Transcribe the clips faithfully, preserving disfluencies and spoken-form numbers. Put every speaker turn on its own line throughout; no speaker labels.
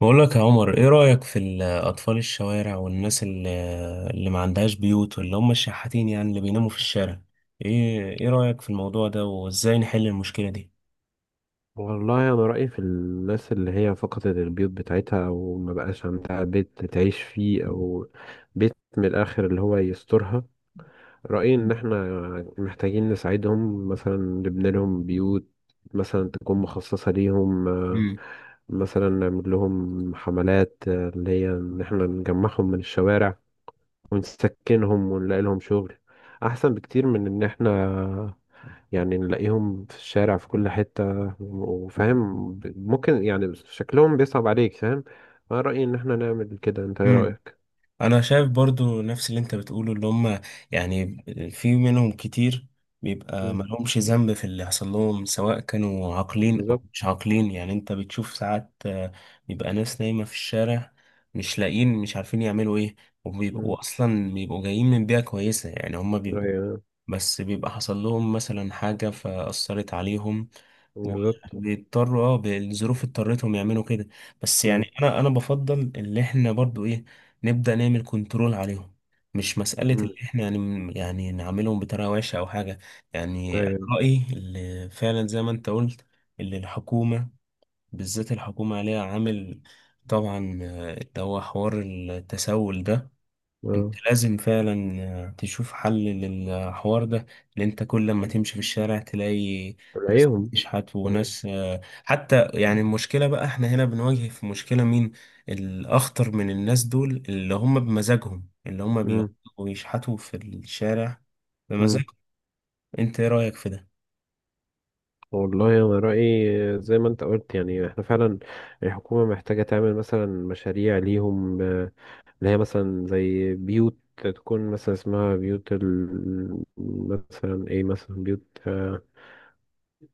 بقول لك يا عمر، ايه رأيك في ال- اطفال الشوارع والناس اللي, اللي ما عندهاش بيوت واللي هم الشحاتين، يعني اللي بيناموا في الشارع؟ ايه ايه رأيك في الموضوع ده وازاي نحل المشكلة دي؟
والله انا رايي في الناس اللي هي فقدت البيوت بتاعتها او ما بقاش عندها بيت تعيش فيه او بيت من الاخر اللي هو يسترها. رايي ان احنا محتاجين نساعدهم، مثلا نبني لهم بيوت مثلا تكون مخصصه ليهم، آه،
مم.
مثلا نعمل لهم حملات، آه، اللي هي ان احنا نجمعهم من الشوارع ونسكنهم ونلاقي لهم شغل، احسن بكتير من ان احنا يعني نلاقيهم في الشارع في كل حتة، وفاهم ب- ممكن يعني شكلهم بيصعب عليك، فاهم. أنا رأيي إن احنا نعمل كده، أنت إيه
مم.
رأيك؟
انا شايف برضو نفس اللي انت بتقوله، اللي هم يعني في منهم كتير بيبقى
مم.
ملهمش ذنب في اللي حصل لهم، سواء كانوا عاقلين او
بالظبط.
مش عاقلين. يعني انت بتشوف ساعات آه، بيبقى ناس نايمة في الشارع، مش لاقيين، مش عارفين يعملوا ايه،
مم.
وبيبقوا اصلا بيبقوا جايين من بيئة كويسة، يعني هم بيبقوا
أيوه،
بس بيبقى حصل لهم مثلا حاجة فأثرت عليهم،
بالظبط.
وبيضطروا اه بالظروف اضطرتهم يعملوا كده. بس
مم.
يعني أنا أنا بفضل اللي إحنا برضو إيه، نبدأ نعمل كنترول عليهم. مش مسألة اللي
مم.
إحنا يعني يعني نعملهم بطريقة وحشة أو حاجة. يعني أنا
أيوه.
رأيي اللي فعلا زي ما أنت قلت، اللي الحكومة، بالذات الحكومة عليها عامل، طبعا آه، اللي هو حوار التسول ده. انت
أه.
لازم فعلا آه، تشوف حل للحوار ده، لان انت كل لما تمشي في الشارع تلاقي ناس
تلاقيهم.
بتشحت وناس آه، حتى. يعني المشكلة بقى احنا هنا بنواجه في مشكلة مين الاخطر من الناس دول، اللي هم بمزاجهم، اللي هم
مم.
بيقعدوا يشحتوا في الشارع
مم.
بمزاجهم. انت ايه رأيك في ده؟
والله أنا رأيي زي ما أنت قلت، يعني احنا فعلا الحكومة محتاجة تعمل مثلا مشاريع ليهم، آه، اللي هي مثلا زي بيوت تكون مثلا اسمها بيوت ال... مثلا ايه، مثلا بيوت، آه،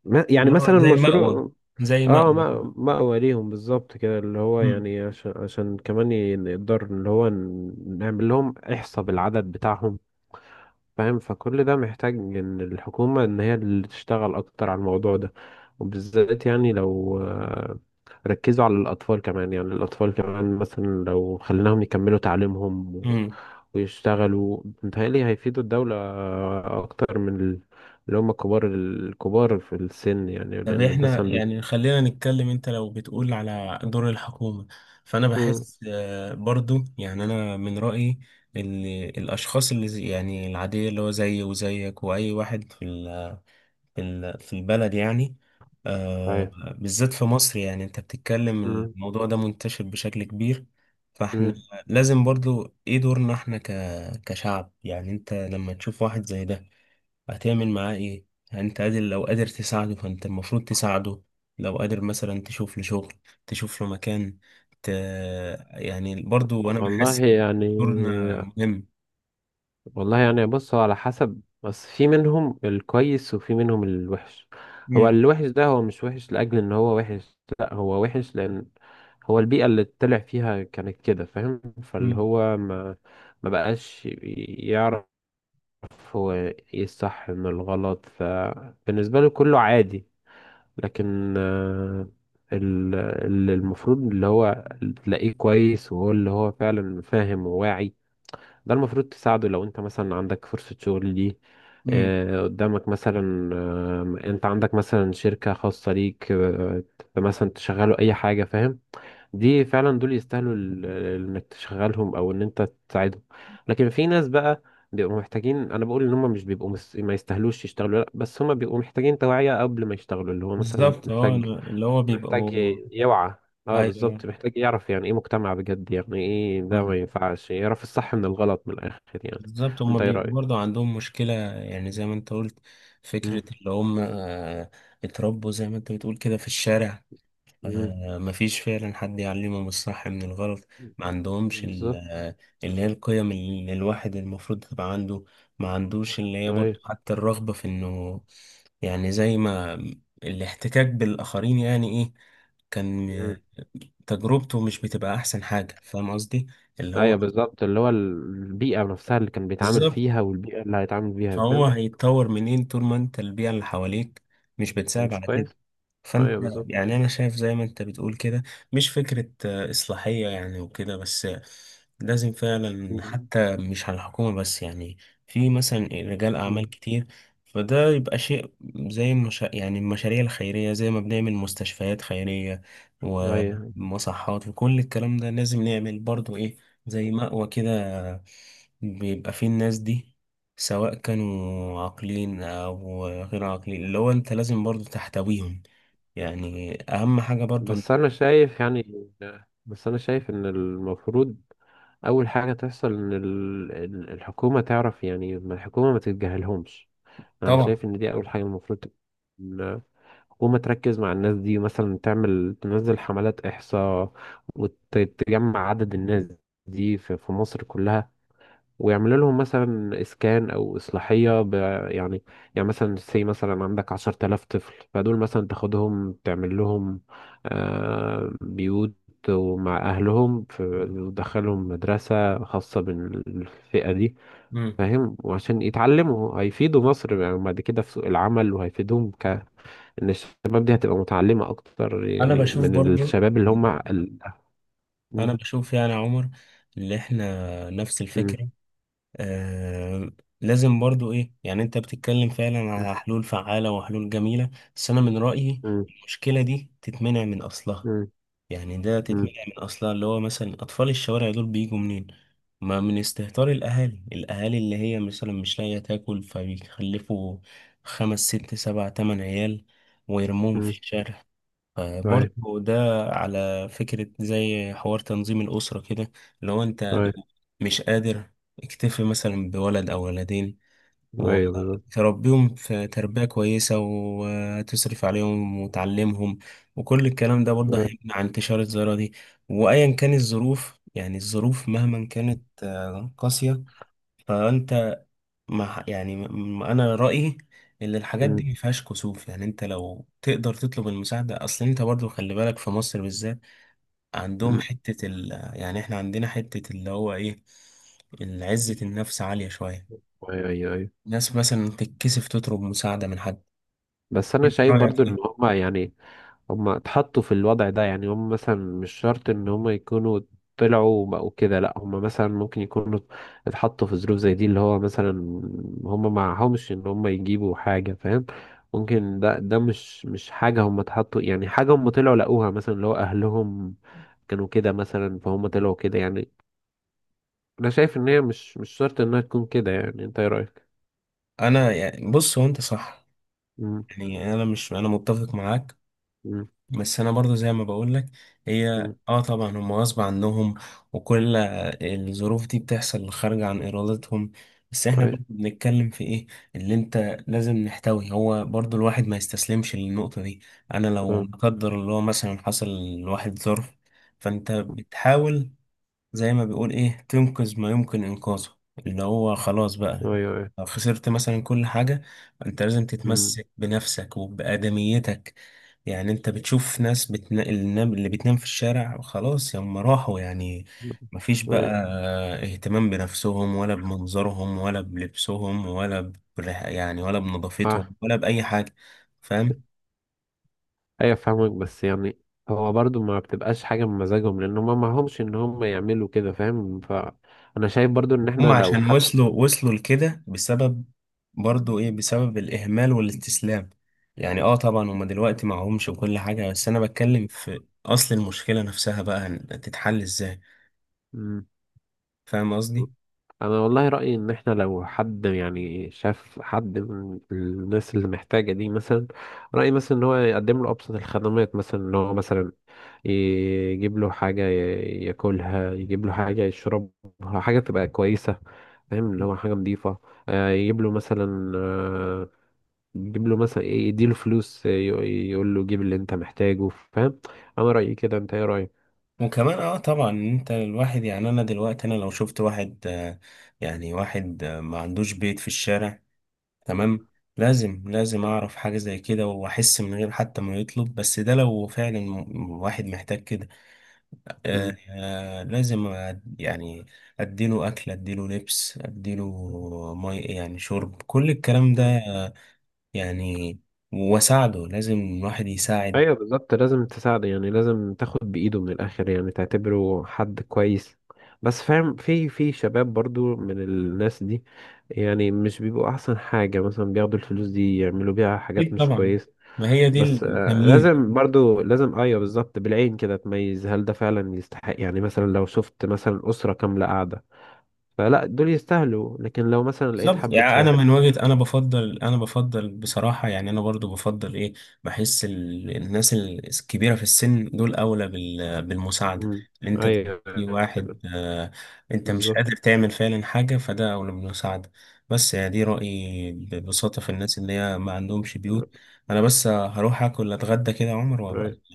ما- يعني
اللي هو
مثلا
زي مأوى،
مشروع.
زي
اه،
مأوى.
ما مأوى ليهم بالظبط كده، اللي هو يعني عشان عشان كمان ي- نقدر اللي هو ن- نعمل لهم احصاء بالعدد بتاعهم، فاهم؟ فكل ده محتاج ان الحكومة ان هي اللي تشتغل اكتر على الموضوع ده، وبالذات يعني لو آه، ركزوا على الاطفال كمان. يعني الاطفال كمان مثلا لو خليناهم يكملوا تعليمهم و-
مم.
ويشتغلوا، متهيألي هيفيدوا الدولة اكتر من ال- اللي هم كبار الكبار في السن، يعني
طب
لان
احنا
مثلا بي
يعني خلينا نتكلم، انت لو بتقول على دور الحكومة، فانا
مم.
بحس آه، برضو يعني انا من رأيي ان الاشخاص اللي زي- يعني العادية، اللي هو زيي وزيك واي واحد في ال- في ال- في البلد، يعني آه،
أيوة.
بالذات في مصر. يعني انت بتتكلم،
مم.
الموضوع ده منتشر بشكل كبير. فاحنا
مم.
لازم برضو ايه دورنا احنا ك- كشعب. يعني انت لما تشوف واحد زي ده هتعمل معاه ايه؟ يعني انت قادر، لو قادر تساعده فانت المفروض تساعده، لو قادر مثلا تشوف له شغل، تشوف له مكان، ت... يعني برضو انا بحس
والله
ان
يعني
دورنا مهم.
والله يعني بص، هو على حسب، بس في منهم الكويس وفي منهم الوحش. هو
مم.
الوحش ده هو مش وحش لأجل إن هو وحش، لأ، هو وحش لأن هو البيئة اللي طلع فيها كانت كده، فاهم؟ فاللي
مم.
هو ما ما بقاش يعرف هو ايه الصح من الغلط، فبالنسبة له كله عادي. لكن آه، ال- اللي المفروض اللي هو تلاقيه كويس وهو اللي هو فعلا فاهم وواعي، ده المفروض تساعده. لو انت مثلا عندك فرصة شغل دي،
مم.
آه، قدامك، مثلا آه، انت عندك مثلا شركة خاصة ليك، آه، مثلا تشغله اي حاجة، فاهم؟ دي فعلا دول يستاهلوا ال- ال- انك تشغلهم او ان انت تساعدهم. لكن في ناس بقى بيبقوا محتاجين، انا بقول ان هم مش بيبقوا مس... ما يستاهلوش يشتغلوا، لا، بس هم بيبقوا محتاجين توعية قبل ما يشتغلوا، اللي هو مثلا
بالظبط. اه
محتاج،
أنا- اللي هو
محتاج
بيبقوا
ي- يوعى. اه
ايوه،
بالظبط، محتاج يعرف يعني ايه مجتمع بجد، يعني ايه ده،
فاهم.
ما ينفعش يعرف الصح من الغلط، من الاخر يعني.
بالظبط هما
انت ايه
بيبقوا
رأيك؟
برضو عندهم مشكلة، يعني زي ما انت قلت،
مم.
فكرة اللي هم آه، اتربوا زي ما انت بتقول كده في الشارع
مم.
آه، مفيش فعلا حد يعلمهم الصح من الغلط. ما عندهمش ال-
بالظبط.
آه، اللي هي القيم اللي الواحد المفروض تبقى عنده. ما عندوش اللي هي برضه
ايوه.
حتى الرغبة في انه، يعني زي ما الاحتكاك بالآخرين، يعني ايه، كان
مم.
آه، تجربته مش بتبقى احسن حاجة. فاهم قصدي؟ اللي هو
ايوه بالظبط، اللي هو البيئة نفسها اللي كان بيتعامل
بالظبط،
فيها والبيئة اللي هيتعامل فيها،
فهو
فاهم.
هيتطور منين طول ما انت البيئة اللي حواليك مش بتساعد
مش
على كده؟
كويس.
فانت
ايوه بالظبط.
يعني انا شايف زي ما انت بتقول كده، مش فكرة آه، اصلاحية يعني وكده بس، آه، لازم فعلا
مم.
حتى مش على الحكومة بس. يعني في مثلا رجال اعمال
مم.
كتير، فده يبقى شيء زي المشا... يعني المشاريع الخيرية. زي ما بنعمل مستشفيات خيرية
ايوه.
ومصحات وكل الكلام ده، لازم نعمل برضو ايه، زي مأوى كده بيبقى فيه الناس دي، سواء كانوا عاقلين أو غير عاقلين، اللي هو أنت لازم برضو تحتويهم. يعني أهم حاجة برضو إن-
بس انا شايف يعني بس انا شايف ان المفروض اول حاجه تحصل ان ال- ال- الحكومه تعرف، يعني ما الحكومه ما تتجاهلهمش. انا
طبعا.
شايف ان دي اول حاجه المفروض، ال- الحكومه تركز مع الناس دي، مثلا تعمل، تنزل حملات احصاء وتجمع عدد الناس دي في في مصر كلها، ويعملوا لهم مثلا اسكان او اصلاحيه ب... يعني، يعني مثلا سي مثلا عندك عشرة آلاف طفل، فدول مثلا تاخدهم تعمل لهم آه، بيوت ومع اهلهم، ف- وتدخلهم مدرسه خاصه بالفئه دي،
مم.
فاهم؟ وعشان يتعلموا هيفيدوا مصر يعني بعد كده في سوق العمل، وهيفيدهم ك ان الشباب دي هتبقى متعلمه اكتر
أنا
يعني
بشوف
من
برضو،
الشباب اللي هم ال... م-
أنا بشوف يعني يا عمر، اللي إحنا نفس
م-
الفكرة، آه لازم برضو إيه. يعني أنت بتتكلم فعلا
م-
على حلول فعالة وحلول جميلة، بس أنا من رأيي المشكلة دي تتمنع من أصلها.
م-
يعني ده
م- م-
تتمنع من اصلها، اللي هو مثلا اطفال الشوارع دول بيجوا منين؟ ما من استهتار الاهالي، الاهالي اللي هي مثلا مش لاقيه تاكل، فبيخلفوا خمس ست سبع تمن عيال ويرموهم
م-
في الشارع.
أيوة.
فبرضه ده على فكرة زي حوار تنظيم الأسرة كده. لو أنت مش قادر، اكتفي مثلا بولد أو ولدين،
ايوه بالظبط.
وتربيهم في تربية كويسة، وتصرف عليهم، وتعلمهم، وكل الكلام ده برضه
أيوة.
هيمنع انتشار الظاهرة دي. وأيا كان الظروف، يعني الظروف مهما كانت آه، قاسية، فأنت مع يعني م- م- أنا رأيي إن الحاجات
مم.
دي مفيهاش كسوف. يعني أنت لو تقدر تطلب المساعدة، أصل أنت برضه خلي بالك في مصر بالذات، عندهم
مم.
حتة ال يعني إحنا عندنا حتة اللي هو إيه، عزة النفس عالية شوية.
ايوه، ايوه، ايوه.
ناس مثلا تتكسف تطلب مساعدة من حد.
بس انا شايف
رأيك
برضو ان
ايه؟
هما يعني هما اتحطوا في الوضع ده، يعني هما مثلا مش شرط ان هما يكونوا طلعوا وبقوا كده، لا، هما مثلا ممكن يكونوا اتحطوا في ظروف زي دي، اللي هو مثلا هما معهمش ان هما يجيبوا حاجة، فاهم؟ ممكن ده ده مش مش حاجة هما اتحطوا، يعني حاجة هما طلعوا لقوها، مثلا اللي هو اهلهم كانوا كده مثلا فهم طلعوا كده يعني. انا شايف ان هي مش مش شرط انها تكون كده، يعني انت ايه رأيك؟
انا يعني بص، هو انت صح، يعني انا مش، انا متفق معاك.
مم.
بس انا برضو زي ما بقول لك، هي
مم.
اه طبعا هم غصب عنهم وكل الظروف دي بتحصل خارجة عن ارادتهم. بس احنا
أيوة.
برضو بنتكلم في ايه اللي انت لازم نحتوي. هو برضو الواحد ما يستسلمش للنقطة دي. انا لو
أه.
لا قدر الله مثلا حصل لواحد ظرف، فانت بتحاول زي ما بيقول ايه، تنقذ ما يمكن انقاذه، اللي هو خلاص
أيوة
بقى
أيوة.
لو خسرت مثلا كل حاجة، انت لازم
مم.
تتمسك بنفسك وبآدميتك. يعني انت بتشوف ناس بتنا... النام- اللي بتنام في الشارع خلاص، هم راحوا يعني، مفيش بقى
أيوة.
اهتمام بنفسهم ولا بمنظرهم ولا بلبسهم ولا بريح... يعني ولا
آه.
بنظافتهم ولا بأي حاجة. فاهم؟
أيوة فاهمك، بس يعني هو برضو ما بتبقاش حاجة من مزاجهم، لأن هما معهمش إن هما يعملوا كده، فاهم؟ فأنا شايف برضو إن
هم
إحنا لو
عشان
حد
وصلوا وصلوا لكده بسبب، برضو ايه، بسبب الإهمال والاستسلام. يعني اه طبعا هم دلوقتي معهمش وكل حاجة، بس أنا بتكلم في أصل المشكلة نفسها بقى، هن- تتحل ازاي؟
مم.
فاهم قصدي؟
انا والله رايي ان احنا لو حد يعني شاف حد من الناس اللي محتاجه دي، مثلا رايي مثلا ان هو يقدم له ابسط الخدمات، مثلا ان هو مثلا يجيب له حاجه ي- ياكلها، يجيب له حاجه يشربها، حاجه تبقى كويسه، فاهم؟ اللي هو حاجه نظيفه، آه، يجيب له مثلا، آه، يجيب له مثلا إيه، يديله فلوس، آه، ي- يقول له جيب اللي انت محتاجه، فاهم؟ انا رايي كده، انت ايه رايك؟
وكمان اه طبعا انت الواحد، يعني انا دلوقتي انا لو شفت واحد آه، يعني واحد آه، ما عندوش بيت في الشارع، تمام، لازم لازم اعرف حاجة زي كده واحس من غير حتى ما يطلب، بس ده لو فعلا م- واحد محتاج كده. آه آه، لازم أد- يعني اديله اكل، اديله لبس، اديله مي يعني شرب، كل الكلام ده
مم.
آه، يعني، واساعده. لازم الواحد يساعد.
ايوه بالظبط، لازم تساعده، يعني لازم تاخد بايده من الاخر، يعني تعتبره حد كويس. بس فاهم، في في شباب برضو من الناس دي يعني مش بيبقوا احسن حاجة، مثلا بياخدوا الفلوس دي يعملوا بيها حاجات
أكيد
مش
طبعا،
كويس.
ما هي دي
بس آه،
التمييز.
لازم برضو لازم ايوه بالظبط، بالعين كده تميز هل ده فعلا يستحق، يعني مثلا لو شفت مثلا اسرة كاملة قاعدة فلا دول يستاهلوا، لكن لو مثلا لقيت
بالظبط.
حبة
يعني
شباب
انا من وجهة، انا بفضل انا بفضل بصراحة، يعني انا برضو بفضل ايه، بحس ال- الناس ال- الكبيرة في السن دول اولى بال- بالمساعدة.
مم.
ان انت دلوقتي
ايوه
واحد آه، انت مش
بالظبط.
قادر تعمل فعلا حاجة، فده اولى بالمساعدة. بس يعني دي رأيي ببساطة في الناس اللي هي ما عندهمش بيوت. انا بس هروح اكل اتغدى كده يا عمر
أيوة.
وابقى